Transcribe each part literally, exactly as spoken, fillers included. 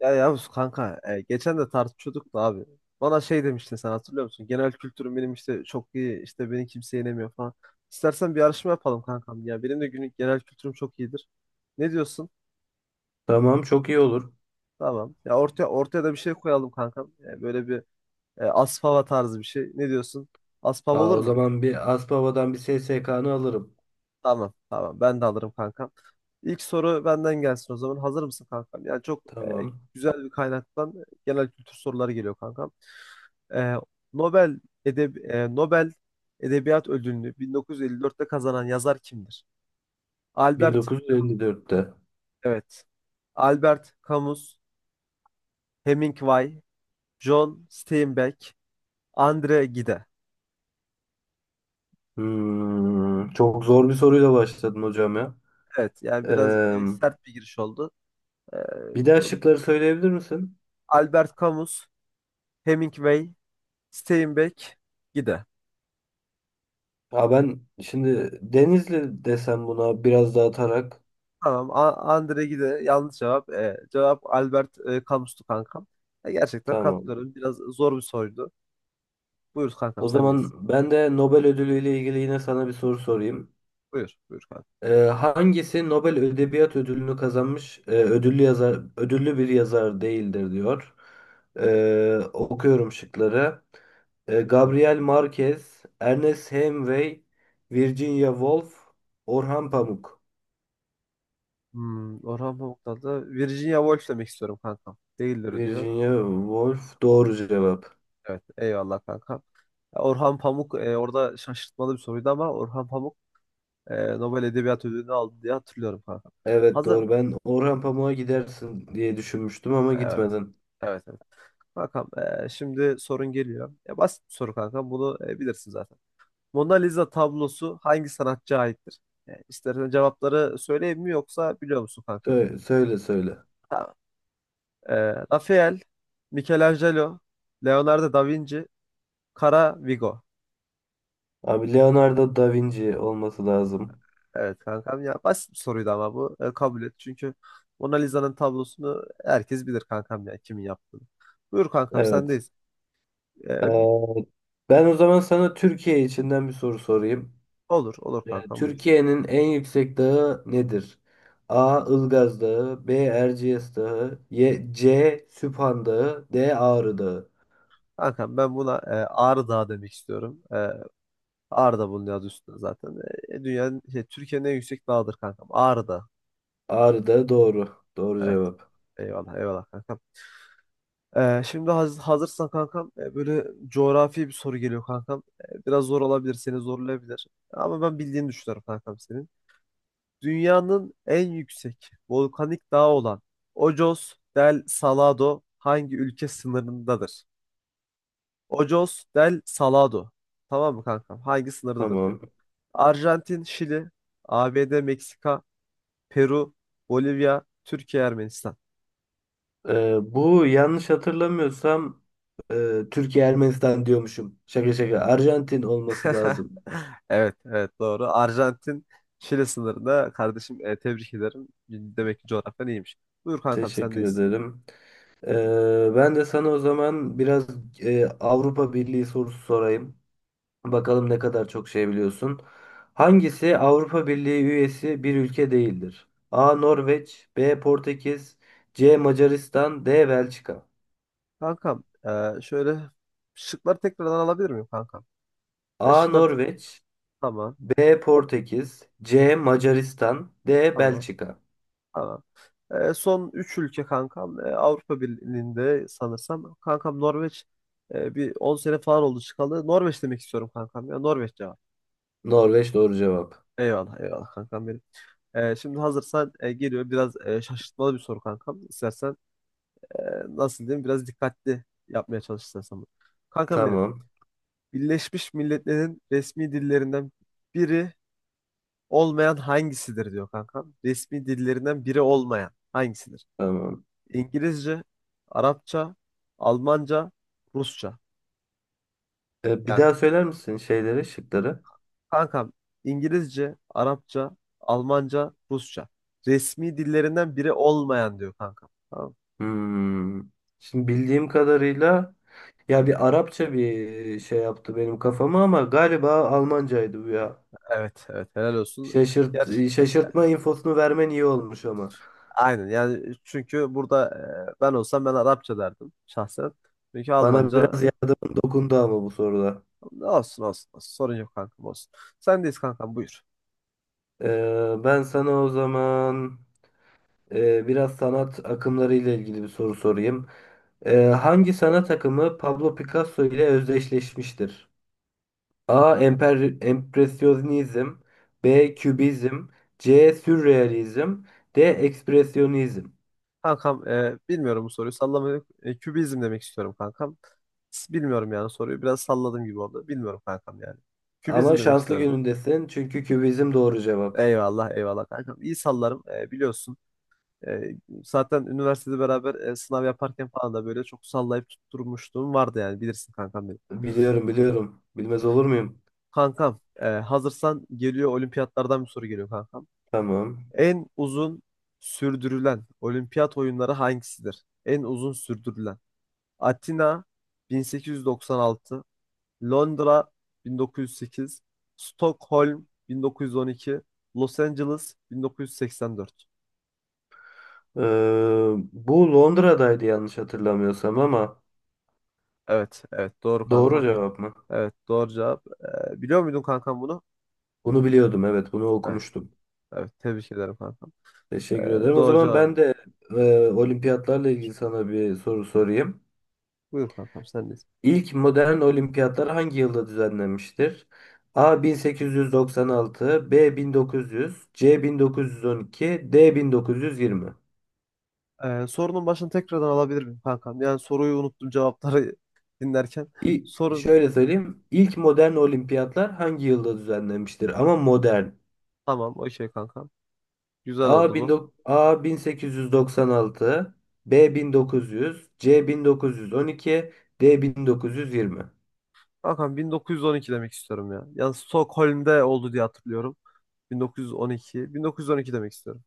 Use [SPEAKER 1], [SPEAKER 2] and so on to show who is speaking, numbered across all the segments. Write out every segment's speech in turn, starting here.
[SPEAKER 1] Ya Yavuz kanka e, geçen de tartışıyorduk da abi. Bana şey demiştin sen hatırlıyor musun? Genel kültürüm benim işte çok iyi işte beni kimse yenemiyor falan. İstersen bir yarışma yapalım kankam ya. Benim de günlük genel kültürüm çok iyidir. Ne diyorsun?
[SPEAKER 2] Tamam çok iyi olur.
[SPEAKER 1] Tamam. Ya ortaya ortaya da bir şey koyalım kankam. E, böyle bir e, Aspava tarzı bir şey. Ne diyorsun? Aspava
[SPEAKER 2] Aa,
[SPEAKER 1] olur
[SPEAKER 2] o
[SPEAKER 1] mu?
[SPEAKER 2] zaman bir Aspava'dan bir S S K'nı alırım.
[SPEAKER 1] Tamam, tamam, ben de alırım kankam. İlk soru benden gelsin o zaman. Hazır mısın kankam? Yani çok e,
[SPEAKER 2] Tamam.
[SPEAKER 1] güzel bir kaynaktan e, genel kültür soruları geliyor kankam. e, Nobel edeb e, Nobel Edebiyat Ödülünü bin dokuz yüz elli dörtte kazanan yazar kimdir? Albert,
[SPEAKER 2] bin dokuz yüz elli dörtte.
[SPEAKER 1] evet. Albert Camus, Hemingway, John Steinbeck, Andre Gide.
[SPEAKER 2] Hmm, çok zor bir soruyla başladın hocam ya.
[SPEAKER 1] Evet, yani biraz
[SPEAKER 2] Ee,
[SPEAKER 1] e, sert bir giriş oldu. E,
[SPEAKER 2] bir daha şıkları söyleyebilir misin?
[SPEAKER 1] Albert Camus, Hemingway, Steinbeck, Gide.
[SPEAKER 2] Aa, ben şimdi Denizli desem buna biraz dağıtarak.
[SPEAKER 1] Tamam, A- Andre Gide yanlış cevap. E, cevap Albert e, Camus'tu kankam. E, gerçekten
[SPEAKER 2] Tamam.
[SPEAKER 1] katılıyorum. Biraz zor bir soruydu. Buyur kankam,
[SPEAKER 2] O
[SPEAKER 1] sendeyiz.
[SPEAKER 2] zaman ben de Nobel ödülü ile ilgili yine sana bir soru sorayım.
[SPEAKER 1] Buyur. Buyur kanka.
[SPEAKER 2] Ee, hangisi Nobel Edebiyat Ödülünü kazanmış e, ödüllü yazar ödüllü bir yazar değildir diyor. Ee, okuyorum şıkları. Ee,
[SPEAKER 1] Buyur kanka.
[SPEAKER 2] Gabriel Marquez, Ernest Hemingway, Virginia Woolf, Orhan Pamuk.
[SPEAKER 1] Hmm, Orhan Pamuk'tan da Virginia Woolf demek istiyorum kankam. Değildir diyor.
[SPEAKER 2] Virginia Woolf doğru cevap.
[SPEAKER 1] Evet. Eyvallah kanka. Orhan Pamuk e, orada şaşırtmalı bir soruydu ama Orhan Pamuk e, Nobel Edebiyat Ödülünü aldı diye hatırlıyorum kanka.
[SPEAKER 2] Evet
[SPEAKER 1] Hazır.
[SPEAKER 2] doğru. Ben Orhan Pamuk'a gidersin diye düşünmüştüm ama
[SPEAKER 1] Evet.
[SPEAKER 2] gitmedin.
[SPEAKER 1] Evet, evet. Kankam e, şimdi sorun geliyor. E, basit bir soru kanka. Bunu e, bilirsin zaten. Mona Lisa tablosu hangi sanatçıya aittir? E, istersen cevapları söyleyeyim mi yoksa biliyor musun kanka?
[SPEAKER 2] Söyle söyle. söyle.
[SPEAKER 1] Ee, Rafael, Michelangelo, Leonardo da Vinci, Kara Vigo.
[SPEAKER 2] Abi Leonardo da Vinci olması lazım.
[SPEAKER 1] Evet kankam ya basit bir soruydu ama bu e, kabul et. Çünkü Mona Lisa'nın tablosunu herkes bilir kankam ya kimin yaptığını. Buyur kankam
[SPEAKER 2] Evet.
[SPEAKER 1] sendeyiz. Ee,
[SPEAKER 2] Ben o zaman sana Türkiye içinden bir soru sorayım.
[SPEAKER 1] olur, olur,
[SPEAKER 2] Ee,
[SPEAKER 1] kankam buyur.
[SPEAKER 2] Türkiye'nin en yüksek dağı nedir? A. Ilgaz Dağı, B. Erciyes Dağı, Y- C. Süphan Dağı, D. Ağrı Dağı.
[SPEAKER 1] Kankam ben buna e, Ağrı Dağı demek istiyorum. E, Ağrı da bunun adı üstünde zaten. E, dünyanın, şey, Türkiye'nin en yüksek dağıdır kankam. Ağrı Dağı.
[SPEAKER 2] Ağrı Dağı doğru. Doğru
[SPEAKER 1] Evet,
[SPEAKER 2] cevap.
[SPEAKER 1] eyvallah, eyvallah kankam. Ee, şimdi haz- hazırsan kankam e, böyle coğrafi bir soru geliyor kankam. E, Biraz zor olabilir, seni zorlayabilir. Ama ben bildiğini düşünüyorum kankam senin. Dünyanın en yüksek volkanik dağı olan Ojos del Salado hangi ülke sınırındadır? Ojos del Salado. Tamam mı kankam? Hangi sınırdadır diyor.
[SPEAKER 2] Tamam.
[SPEAKER 1] Arjantin, Şili, A B D, Meksika, Peru, Bolivya, Türkiye, Ermenistan.
[SPEAKER 2] Ee, bu yanlış hatırlamıyorsam e, Türkiye Ermenistan diyormuşum. Şaka şaka. Arjantin olması lazım.
[SPEAKER 1] Evet, evet doğru. Arjantin Şili sınırında kardeşim e, tebrik ederim. Demek ki coğrafyan iyiymiş. Buyur kankam
[SPEAKER 2] Teşekkür
[SPEAKER 1] sendeyiz.
[SPEAKER 2] ederim. Ee, ben de sana o zaman biraz e, Avrupa Birliği sorusu sorayım. Bakalım ne kadar çok şey biliyorsun. Hangisi Avrupa Birliği üyesi bir ülke değildir? A. Norveç, B. Portekiz, C. Macaristan, D. Belçika.
[SPEAKER 1] Kankam e, şöyle şıkları tekrardan alabilir miyim kankam? E,
[SPEAKER 2] A.
[SPEAKER 1] şıkları te-
[SPEAKER 2] Norveç,
[SPEAKER 1] tamam,
[SPEAKER 2] B. Portekiz, C. Macaristan, D.
[SPEAKER 1] tamam,
[SPEAKER 2] Belçika.
[SPEAKER 1] tamam. E, son üç ülke kankam e, Avrupa Birliği'nde sanırsam. Kankam Norveç e, bir on sene falan oldu çıkalı. Norveç demek istiyorum kankam ya Norveç cevap.
[SPEAKER 2] Norveç doğru cevap.
[SPEAKER 1] Eyvallah, eyvallah kankam benim. E, şimdi hazırsan e, geliyor biraz e, şaşırtmalı bir soru kankam. İstersen e, nasıl diyeyim biraz dikkatli yapmaya çalışırsan sanırım. Kankam benim.
[SPEAKER 2] Tamam.
[SPEAKER 1] Birleşmiş Milletler'in resmi dillerinden biri olmayan hangisidir diyor kankam. Resmi dillerinden biri olmayan hangisidir?
[SPEAKER 2] Tamam.
[SPEAKER 1] İngilizce, Arapça, Almanca, Rusça.
[SPEAKER 2] E, bir
[SPEAKER 1] Yani
[SPEAKER 2] daha söyler misin şeyleri, şıkları?
[SPEAKER 1] kankam İngilizce, Arapça, Almanca, Rusça. Resmi dillerinden biri olmayan diyor kankam. Tamam.
[SPEAKER 2] Hmm. Şimdi bildiğim kadarıyla ya bir Arapça bir şey yaptı benim kafama ama galiba Almancaydı bu ya.
[SPEAKER 1] Evet, evet helal olsun.
[SPEAKER 2] Şaşırt,
[SPEAKER 1] Ger
[SPEAKER 2] şaşırtma infosunu vermen iyi olmuş ama.
[SPEAKER 1] Aynen yani çünkü burada e, ben olsam ben Arapça derdim şahsen. Çünkü
[SPEAKER 2] Bana
[SPEAKER 1] Almanca
[SPEAKER 2] biraz yardımın dokundu ama bu soruda.
[SPEAKER 1] ne olsun olsun, olsun. Sorun yok kankam olsun. Sendeyiz kankam buyur.
[SPEAKER 2] Ee, ben sana o zaman e, biraz sanat akımları ile ilgili bir soru sorayım. Ee, hangi sanat akımı Pablo Picasso ile özdeşleşmiştir? A. Emper, empresyonizm, B. Kübizm, C. Sürrealizm, D. Ekspresyonizm.
[SPEAKER 1] Kankam e, bilmiyorum bu soruyu sallamayı e, kübizm demek istiyorum kankam. S- Bilmiyorum yani soruyu biraz salladım gibi oldu. Bilmiyorum kankam yani.
[SPEAKER 2] Ama
[SPEAKER 1] Kübizm demek
[SPEAKER 2] şanslı
[SPEAKER 1] istiyorum.
[SPEAKER 2] günündesin çünkü kübizm doğru cevap.
[SPEAKER 1] Eyvallah, eyvallah kankam. İyi sallarım e, biliyorsun. E, Zaten üniversitede beraber e, sınav yaparken falan da böyle çok sallayıp tutturmuşluğum vardı yani bilirsin kankam.
[SPEAKER 2] Biliyorum biliyorum. Bilmez olur muyum?
[SPEAKER 1] Kankam, e, hazırsan geliyor olimpiyatlardan bir soru geliyor kankam.
[SPEAKER 2] Tamam.
[SPEAKER 1] En uzun sürdürülen olimpiyat oyunları hangisidir? En uzun sürdürülen. Atina bin sekiz yüz doksan altı, Londra bin dokuz yüz sekiz, Stockholm bin dokuz yüz on iki, Los Angeles bin dokuz yüz seksen dört.
[SPEAKER 2] Ee, bu Londra'daydı yanlış hatırlamıyorsam ama
[SPEAKER 1] Evet, evet doğru
[SPEAKER 2] doğru
[SPEAKER 1] kankam.
[SPEAKER 2] cevap mı?
[SPEAKER 1] Evet doğru cevap. E, biliyor muydun kankam bunu?
[SPEAKER 2] Bunu biliyordum, evet, bunu
[SPEAKER 1] Evet,
[SPEAKER 2] okumuştum.
[SPEAKER 1] evet tebrik ederim kankam. E,
[SPEAKER 2] Teşekkür ederim. O
[SPEAKER 1] doğru
[SPEAKER 2] zaman ben
[SPEAKER 1] cevap.
[SPEAKER 2] de e, olimpiyatlarla ilgili sana bir soru sorayım.
[SPEAKER 1] Buyur kankam sen de.
[SPEAKER 2] İlk modern olimpiyatlar hangi yılda düzenlenmiştir? A bin sekiz yüz doksan altı, B bin dokuz yüz, C bin dokuz yüz on iki, D bin dokuz yüz yirmi.
[SPEAKER 1] Ee, sorunun başını tekrardan alabilir miyim kankam? Yani soruyu unuttum cevapları dinlerken.
[SPEAKER 2] İ-
[SPEAKER 1] Sorun
[SPEAKER 2] şöyle söyleyeyim. İlk modern olimpiyatlar hangi yılda düzenlenmiştir? Ama modern.
[SPEAKER 1] tamam o şey kankam. Güzel oldu
[SPEAKER 2] A,
[SPEAKER 1] bu.
[SPEAKER 2] 19 A bin sekiz yüz doksan altı, B bin dokuz yüz, C bin dokuz yüz on iki, D bin dokuz yüz yirmi.
[SPEAKER 1] Kankam bin dokuz yüz on iki demek istiyorum ya. Yani Stockholm'de oldu diye hatırlıyorum. bin dokuz yüz on iki. bin dokuz yüz on iki demek istiyorum.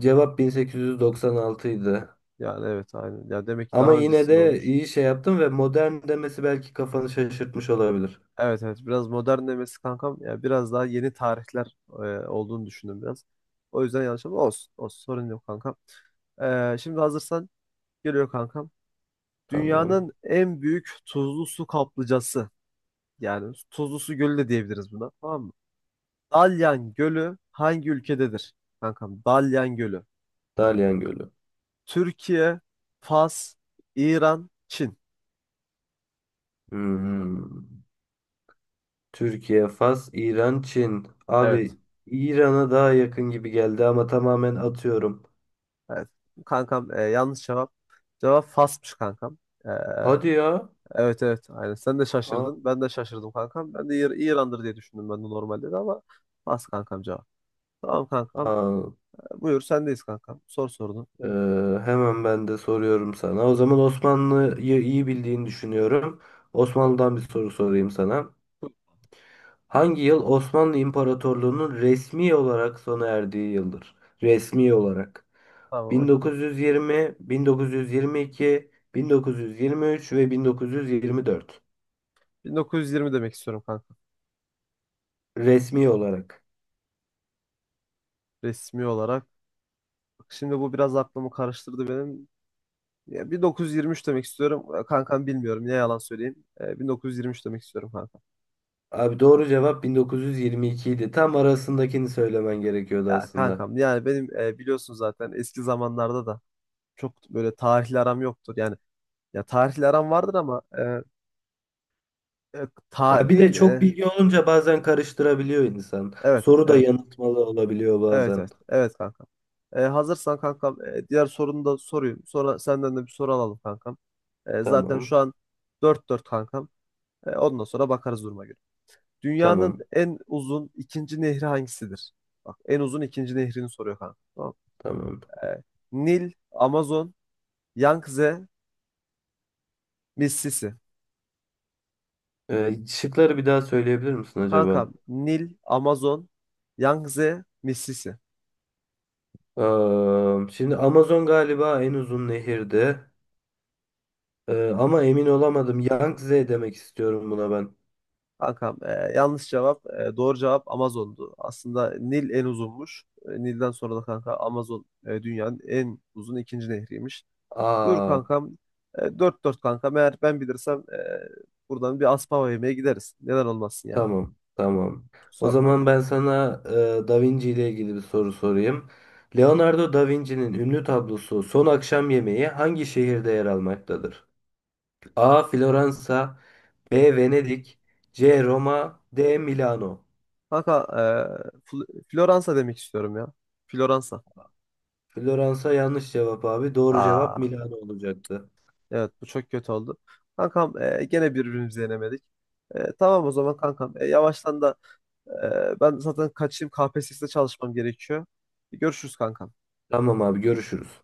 [SPEAKER 2] Cevap bin sekiz yüz doksan altı idi.
[SPEAKER 1] Yani evet aynen. Ya demek ki
[SPEAKER 2] Ama
[SPEAKER 1] daha
[SPEAKER 2] yine
[SPEAKER 1] öncesinde
[SPEAKER 2] de
[SPEAKER 1] olmuş.
[SPEAKER 2] iyi şey yaptım ve modern demesi belki kafanı şaşırtmış olabilir.
[SPEAKER 1] Evet, evet biraz modern demesi kankam. Ya biraz daha yeni tarihler e, olduğunu düşündüm biraz. O yüzden yanlış ama olsun. Olsun sorun yok kankam. Ee, şimdi hazırsan geliyor kankam.
[SPEAKER 2] Tamam.
[SPEAKER 1] Dünyanın en büyük tuzlu su kaplıcası. Yani tuzlu su gölü de diyebiliriz buna. Tamam mı? Dalyan Gölü hangi ülkededir? Kankam Dalyan Gölü.
[SPEAKER 2] Dalyan Gölü.
[SPEAKER 1] Türkiye, Fas, İran, Çin.
[SPEAKER 2] Hmm. Türkiye, Fas, İran, Çin.
[SPEAKER 1] Evet.
[SPEAKER 2] Abi, İran'a daha yakın gibi geldi ama tamamen atıyorum.
[SPEAKER 1] Evet. Kankam e, yanlış cevap. Cevap Fas'mış kankam. E,
[SPEAKER 2] Hadi ya.
[SPEAKER 1] evet, evet. Aynen. Sen de
[SPEAKER 2] Aa,
[SPEAKER 1] şaşırdın. Ben de şaşırdım kankam. Ben de İr- İran'dır diye düşündüm ben de normalde de ama Fas kankam cevap. Tamam kankam.
[SPEAKER 2] Aa,
[SPEAKER 1] Buyur sendeyiz kankam. Sor sorunu.
[SPEAKER 2] e, hemen ben de soruyorum sana. O zaman Osmanlı'yı iyi bildiğini düşünüyorum. Osmanlı'dan bir soru sorayım sana. Hangi yıl Osmanlı İmparatorluğu'nun resmi olarak sona erdiği yıldır? Resmi olarak.
[SPEAKER 1] Tamam okey.
[SPEAKER 2] bin dokuz yüz yirmi, bin dokuz yüz yirmi iki, bin dokuz yüz yirmi üç ve bin dokuz yüz yirmi dört.
[SPEAKER 1] bin dokuz yüz yirmi demek istiyorum kanka.
[SPEAKER 2] Resmi olarak.
[SPEAKER 1] Resmi olarak. Bak, şimdi bu biraz aklımı karıştırdı benim. Ya bin dokuz yüz yirmi üç demek istiyorum. E, Kankam bilmiyorum. Ne yalan söyleyeyim. Ee, bin dokuz yüz yirmi üç demek istiyorum kanka.
[SPEAKER 2] Abi doğru cevap bin dokuz yüz yirmi iki idi. Tam arasındakini söylemen gerekiyordu
[SPEAKER 1] Ya
[SPEAKER 2] aslında.
[SPEAKER 1] kankam yani benim e, biliyorsun zaten eski zamanlarda da çok böyle tarihli aram yoktur. Yani ya tarihli aram vardır ama e, e,
[SPEAKER 2] Ya bir de
[SPEAKER 1] tarihin
[SPEAKER 2] çok
[SPEAKER 1] e,
[SPEAKER 2] bilgi olunca bazen karıştırabiliyor insan.
[SPEAKER 1] evet,
[SPEAKER 2] Soru da
[SPEAKER 1] evet,
[SPEAKER 2] yanıltmalı olabiliyor
[SPEAKER 1] evet, evet,
[SPEAKER 2] bazen.
[SPEAKER 1] evet, kanka. E, hazırsan kankam e, diğer sorunu da sorayım. Sonra senden de bir soru alalım kankam. E, zaten şu
[SPEAKER 2] Tamam,
[SPEAKER 1] an dört dört kankam. E, ondan sonra bakarız duruma göre. Dünyanın
[SPEAKER 2] tamam,
[SPEAKER 1] en uzun ikinci nehri hangisidir? Bak en uzun ikinci nehrini soruyor kanka. Tamam.
[SPEAKER 2] tamam.
[SPEAKER 1] E, Nil, Amazon, Yangtze, Mississippi.
[SPEAKER 2] Ee, şıkları bir daha söyleyebilir misin acaba?
[SPEAKER 1] Kankam Nil, Amazon, Yangtze, Mississippi.
[SPEAKER 2] Ee, şimdi Amazon galiba en uzun nehirdi. Ee, ama emin olamadım. Yangtze demek istiyorum buna ben.
[SPEAKER 1] Kankam e, yanlış cevap. E, doğru cevap Amazon'du. Aslında Nil en uzunmuş. E, Nil'den sonra da kanka Amazon e, dünyanın en uzun ikinci nehriymiş. Buyur
[SPEAKER 2] Aa,
[SPEAKER 1] kankam. E, dört dört kankam. Eğer ben bilirsem e, buradan bir Aspava yemeğe gideriz. Neden olmasın yani.
[SPEAKER 2] tamam, tamam. O
[SPEAKER 1] Sor
[SPEAKER 2] zaman
[SPEAKER 1] kankam.
[SPEAKER 2] ben sana e, Da Vinci ile ilgili bir soru sorayım. Leonardo da Vinci'nin ünlü tablosu Son Akşam Yemeği hangi şehirde yer almaktadır? A. Floransa, B. Venedik, C. Roma, D. Milano.
[SPEAKER 1] Kanka e, Fl- Floransa demek istiyorum ya. Floransa.
[SPEAKER 2] Floransa yanlış cevap abi. Doğru cevap
[SPEAKER 1] Aa,
[SPEAKER 2] Milano olacaktı.
[SPEAKER 1] evet bu çok kötü oldu. Kankam e, gene birbirimizi yenemedik. E, tamam o zaman kankam. E, yavaştan da e, ben zaten kaçayım K P S S'de çalışmam gerekiyor. E, Görüşürüz kankam.
[SPEAKER 2] Tamam abi, görüşürüz.